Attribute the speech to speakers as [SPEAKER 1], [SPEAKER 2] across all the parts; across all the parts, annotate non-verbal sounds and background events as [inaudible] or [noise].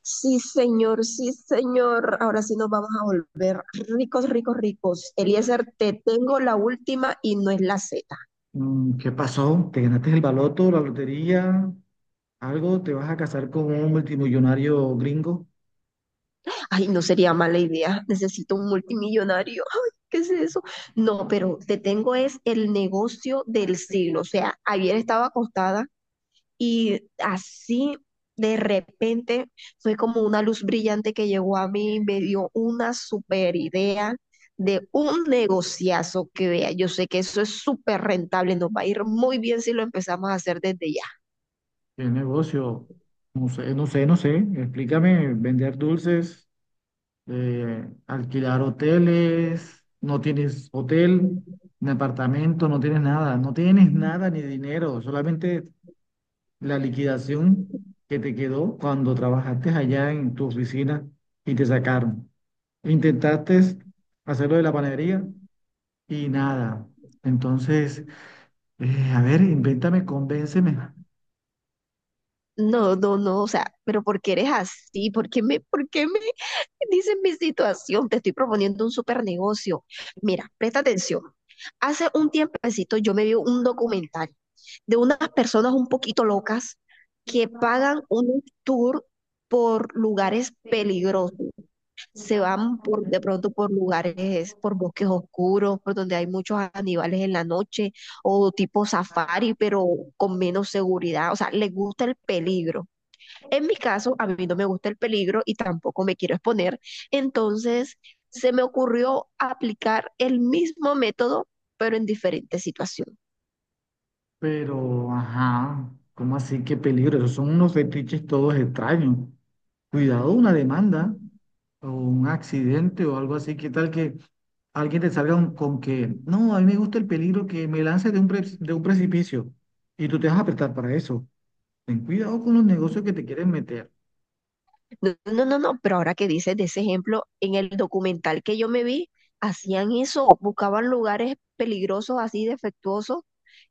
[SPEAKER 1] Sí, señor, sí, señor. Ahora sí nos vamos a volver ricos, ricos, ricos. Eliezer, te tengo la última y no es la Z.
[SPEAKER 2] Mm, ¿qué pasó? ¿Te ganaste el baloto, la lotería? ¿Algo? ¿Te vas a casar con un multimillonario gringo?
[SPEAKER 1] Ay, no sería mala idea. Necesito un multimillonario. Ay, ¿qué es eso? No, pero te tengo es el negocio del siglo. O sea, ayer estaba acostada y así, de repente, fue como una luz brillante que llegó a mí y me dio una super idea de un negociazo, que vea. Yo sé que eso es súper rentable, nos va a ir muy bien si lo empezamos a hacer desde ya.
[SPEAKER 2] ¿Qué negocio? No sé, no sé, no sé. Explícame, vender dulces, alquilar hoteles, no tienes hotel, ni apartamento, no tienes nada, no tienes nada ni dinero, solamente la liquidación que te quedó cuando trabajaste allá en tu oficina y te sacaron. ¿Intentaste hacerlo de la panadería? Y nada. Entonces, a ver, invéntame, convénceme.
[SPEAKER 1] No, no, no, o sea, pero ¿por qué eres así? Por qué me [laughs] dices mi situación? Te estoy proponiendo un super negocio. Mira, presta atención. Hace un tiempecito yo me vi un documental de unas personas un poquito locas que pagan un tour por lugares peligrosos. Se van por, de pronto por lugares, por bosques oscuros, por donde hay muchos animales en la noche, o tipo safari, pero con menos seguridad. O sea, les gusta el peligro. En mi caso, a mí no me gusta el peligro y tampoco me quiero exponer, entonces se me ocurrió aplicar el mismo método, pero en diferentes situaciones.
[SPEAKER 2] Pero, ajá, ¿cómo así? Qué peligro. Esos son unos fetiches todos extraños. Cuidado, una demanda o un accidente o algo así. ¿Qué tal que alguien te salga con que, no, a mí me gusta el peligro, que me lance de de un precipicio y tú te vas a apretar para eso? Ten cuidado con los negocios que te quieren meter.
[SPEAKER 1] No, no, no, no, pero ahora que dices de ese ejemplo, en el documental que yo me vi, hacían eso, buscaban lugares peligrosos, así defectuosos,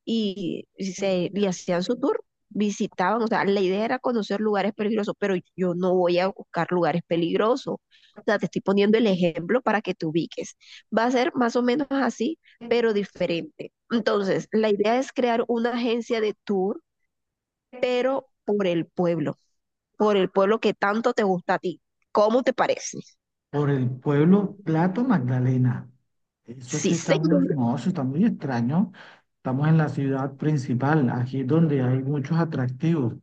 [SPEAKER 1] y hacían su tour, visitaban, o sea, la idea era conocer lugares peligrosos, pero yo no voy a buscar lugares peligrosos. O sea, te estoy poniendo el ejemplo para que te ubiques. Va a ser más o menos así, pero diferente. Entonces, la idea es crear una agencia de tour, pero por el pueblo, por el pueblo que tanto te gusta a ti. ¿Cómo te parece?
[SPEAKER 2] Por el pueblo Plato Magdalena. Eso
[SPEAKER 1] Sí,
[SPEAKER 2] sí está
[SPEAKER 1] señor.
[SPEAKER 2] muy, no, eso está muy extraño. Estamos en la ciudad principal, aquí es donde hay muchos atractivos.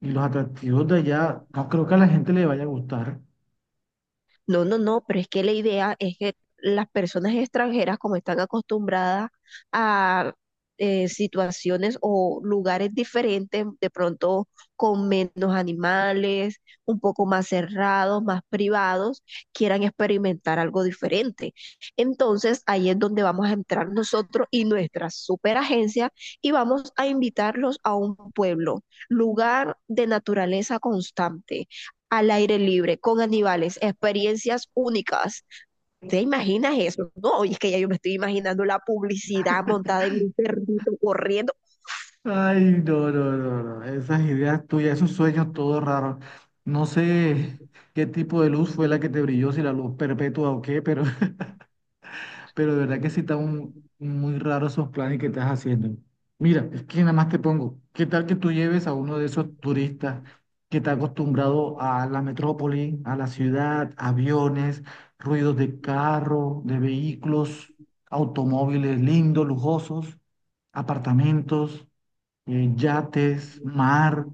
[SPEAKER 2] Y los atractivos de allá, no creo que a la gente le vaya a gustar.
[SPEAKER 1] No, no, no, pero es que la idea es que las personas extranjeras, como están acostumbradas a situaciones o lugares diferentes, de pronto con menos animales, un poco más cerrados, más privados, quieran experimentar algo diferente. Entonces, ahí es donde vamos a entrar nosotros y nuestra superagencia y vamos a invitarlos a un pueblo, lugar de naturaleza constante, al aire libre, con animales, experiencias únicas. ¿Te imaginas eso? No, y es que ya yo me estoy imaginando la publicidad montada en un perrito corriendo.
[SPEAKER 2] Ay, no, no, no, no. Esas ideas tuyas, esos sueños todos raros. No sé qué tipo de luz fue la que te brilló, si la luz perpetua o qué, pero de verdad que sí está muy raro esos planes que estás haciendo. Mira, es que nada más te pongo, ¿qué tal que tú lleves a uno de esos turistas que está acostumbrado a la metrópoli, a la ciudad, aviones, ruidos de carro, de vehículos, automóviles lindos, lujosos, apartamentos, yates, mar,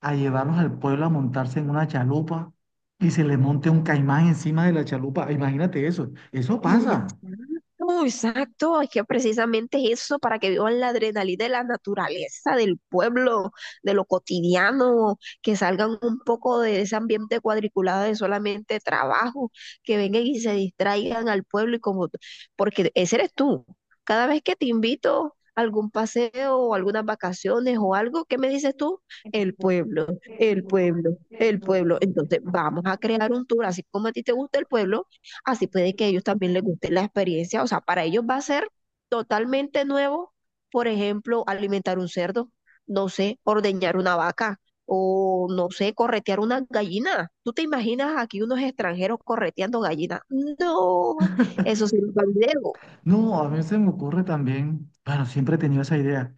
[SPEAKER 2] a llevarnos al pueblo a montarse en una chalupa? Y se le monte un caimán encima de la chalupa. Imagínate eso. Eso pasa.
[SPEAKER 1] Exacto, exacto, es que precisamente es eso, para que vivan la adrenalina de la naturaleza, del pueblo, de lo cotidiano, que salgan un poco de ese ambiente cuadriculado de solamente trabajo, que vengan y se distraigan al pueblo y, como, porque ese eres tú. Cada vez que te invito a algún paseo o algunas vacaciones o algo, ¿qué me dices tú? El pueblo, el pueblo, el pueblo. Entonces, vamos a crear un tour, así como a ti te gusta el pueblo. Así puede que a ellos también les guste la experiencia. O sea, para ellos va a ser totalmente nuevo. Por ejemplo, alimentar un cerdo, no sé, ordeñar una vaca o no sé, corretear una gallina. ¿Tú te imaginas aquí unos extranjeros correteando gallinas? No, eso sí no es un video.
[SPEAKER 2] No, a mí se me ocurre también, bueno, siempre he tenido esa idea.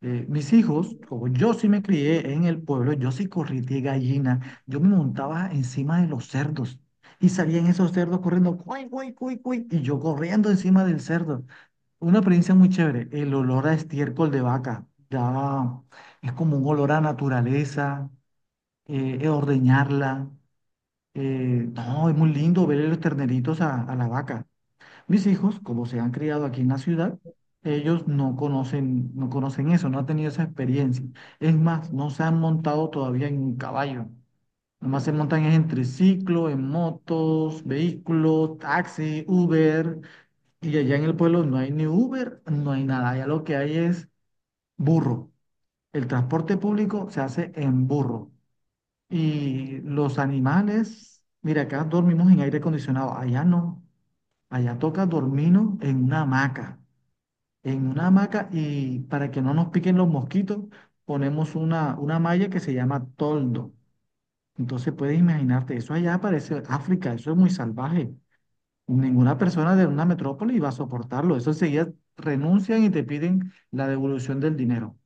[SPEAKER 2] Mis hijos, como yo sí me crié en el pueblo, yo sí corrí de gallina, yo me montaba encima de los cerdos y salían esos cerdos corriendo, cuy, cuy, cuy, cuy, y yo corriendo encima del cerdo. Una experiencia muy chévere, el olor a estiércol de vaca, ya es como un olor a naturaleza, ordeñarla. No, es muy lindo ver los terneritos a la vaca. Mis hijos, como se han criado aquí en la ciudad, ellos no conocen, no conocen eso, no han tenido esa experiencia. Es más, no se han montado todavía en un caballo. Nomás se montan es en triciclo, en motos, vehículos, taxi, Uber. Y allá en el pueblo no hay ni Uber, no hay nada. Allá lo que hay es burro. El transporte público se hace en burro. Y los animales, mira, acá dormimos en aire acondicionado. Allá no. Allá toca dormirnos en una hamaca y para que no nos piquen los mosquitos, ponemos una malla que se llama toldo. Entonces puedes imaginarte, eso allá parece África, eso es muy salvaje. Ninguna persona de una metrópoli va a soportarlo. Eso enseguida renuncian y te piden la devolución del dinero.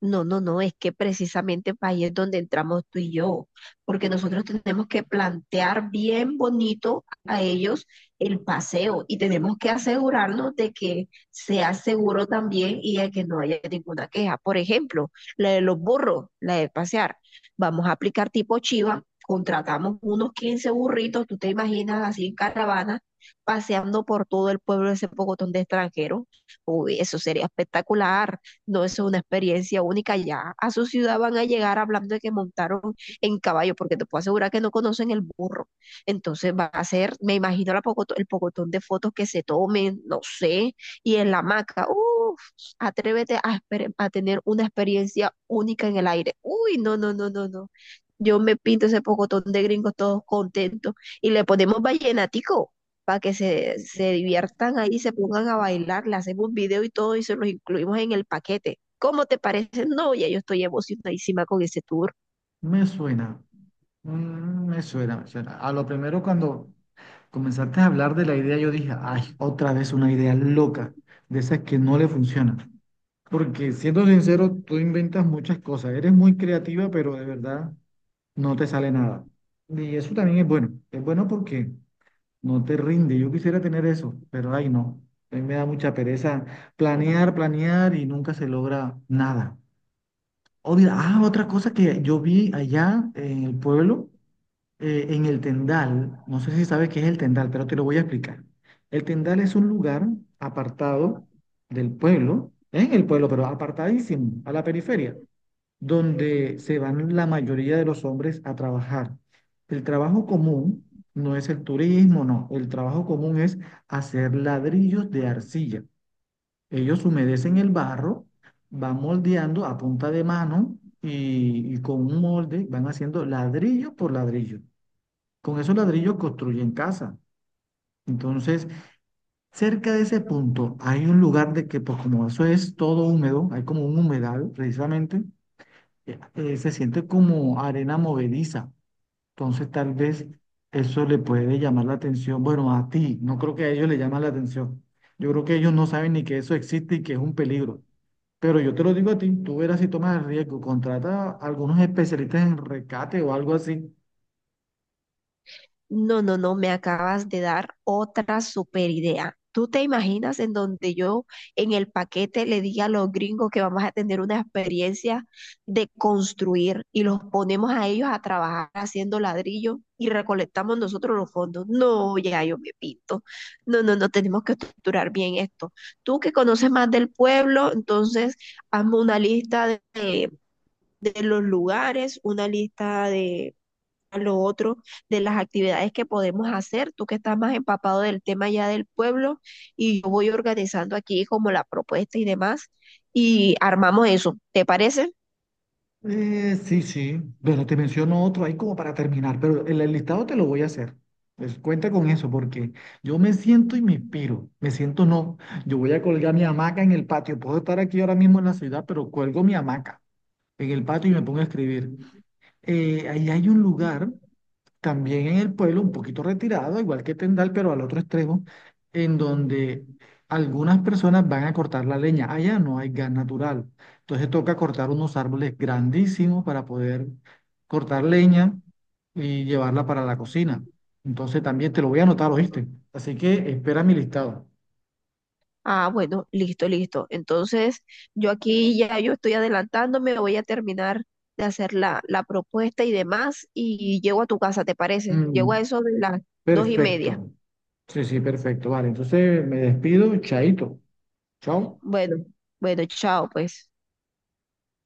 [SPEAKER 1] No, no, no, es que precisamente ahí es donde entramos tú y yo, porque nosotros tenemos que plantear bien bonito a ellos el paseo y tenemos que asegurarnos de que sea seguro también y de que no haya ninguna queja. Por ejemplo, la de los burros, la de pasear. Vamos a aplicar tipo chiva, contratamos unos 15 burritos, tú te imaginas así en caravana, paseando por todo el pueblo ese pocotón de extranjeros. Uy, eso sería espectacular. No, eso es una experiencia única. Ya a su ciudad van a llegar hablando de que montaron en caballo, porque te puedo asegurar que no conocen el burro. Entonces va a ser, me imagino, el pocotón de fotos que se tomen, no sé, y en la hamaca. Uf, atrévete a tener una experiencia única en el aire. Uy, no, no, no, no, no. Yo me pinto ese pocotón de gringos todos contentos y le ponemos vallenatico para que se diviertan ahí, se pongan a bailar, le hacemos un video y todo y se los incluimos en el paquete. ¿Cómo te parece? No, ya yo estoy emocionadísima con ese tour.
[SPEAKER 2] Me suena, mm, me suena, me suena. A lo primero cuando comenzaste a hablar de la idea, yo dije, ay, otra vez una idea loca, de esas que no le funcionan. Porque siendo sincero, tú inventas muchas cosas. Eres muy creativa, pero de verdad no te sale nada. Y eso también es bueno. Es bueno porque no te rinde. Yo quisiera tener eso, pero ay no. A mí me da mucha pereza planear, planear y nunca se logra nada. Obvio, ah, otra cosa que yo vi allá en el pueblo en el Tendal, no sé si sabes qué es el Tendal, pero te lo voy a explicar. El Tendal es un lugar apartado del pueblo, en el pueblo, pero apartadísimo, a la periferia, donde se van la mayoría de los hombres a trabajar. El trabajo común no es el turismo, no. El trabajo común es hacer ladrillos de arcilla. Ellos humedecen el barro, van moldeando a punta de mano y con un molde van haciendo ladrillo por ladrillo. Con esos ladrillos construyen casa. Entonces, cerca de ese punto hay un lugar de que, pues como eso es todo húmedo, hay como un humedal precisamente, se siente como arena movediza. Entonces, tal vez eso le puede llamar la atención. Bueno, a ti, no creo que a ellos le llama la atención. Yo creo que ellos no saben ni que eso existe y que es un peligro. Pero yo te lo digo a ti, tú verás si tomas el riesgo, contrata a algunos especialistas en rescate o algo así.
[SPEAKER 1] No, no, no, me acabas de dar otra super idea. ¿Tú te imaginas en donde yo en el paquete le diga a los gringos que vamos a tener una experiencia de construir y los ponemos a ellos a trabajar haciendo ladrillo y recolectamos nosotros los fondos? No, ya yo me pinto. No, no, no, tenemos que estructurar bien esto. Tú que conoces más del pueblo, entonces hazme una lista de, de los lugares, una lista de lo otro, de las actividades que podemos hacer. Tú que estás más empapado del tema ya del pueblo y yo voy organizando aquí como la propuesta y demás y armamos eso. ¿Te parece?
[SPEAKER 2] Sí, sí. Bueno, te menciono otro ahí como para terminar, pero el listado te lo voy a hacer. Pues cuenta con eso, porque yo me siento y me inspiro. Me siento no. Yo voy a colgar mi hamaca en el patio. Puedo estar aquí ahora mismo en la ciudad, pero cuelgo mi hamaca en el patio y me pongo a escribir. Ahí hay un lugar también en el pueblo, un poquito retirado, igual que Tendal, pero al otro extremo, en donde algunas personas van a cortar la leña. Allá no hay gas natural. Entonces toca cortar unos árboles grandísimos para poder cortar leña y llevarla para la cocina. Entonces también te lo voy a anotar, ¿oíste? Así que espera mi listado.
[SPEAKER 1] Ah, bueno, listo, listo. Entonces, yo aquí ya yo estoy adelantándome, voy a terminar de hacer la, la propuesta y demás y llego a tu casa, ¿te parece? Llego a
[SPEAKER 2] Mm,
[SPEAKER 1] eso de las 2:30.
[SPEAKER 2] perfecto. Sí, sí, perfecto. Vale, entonces me despido. Chaito. Chao.
[SPEAKER 1] Bueno, bueno, chao, pues.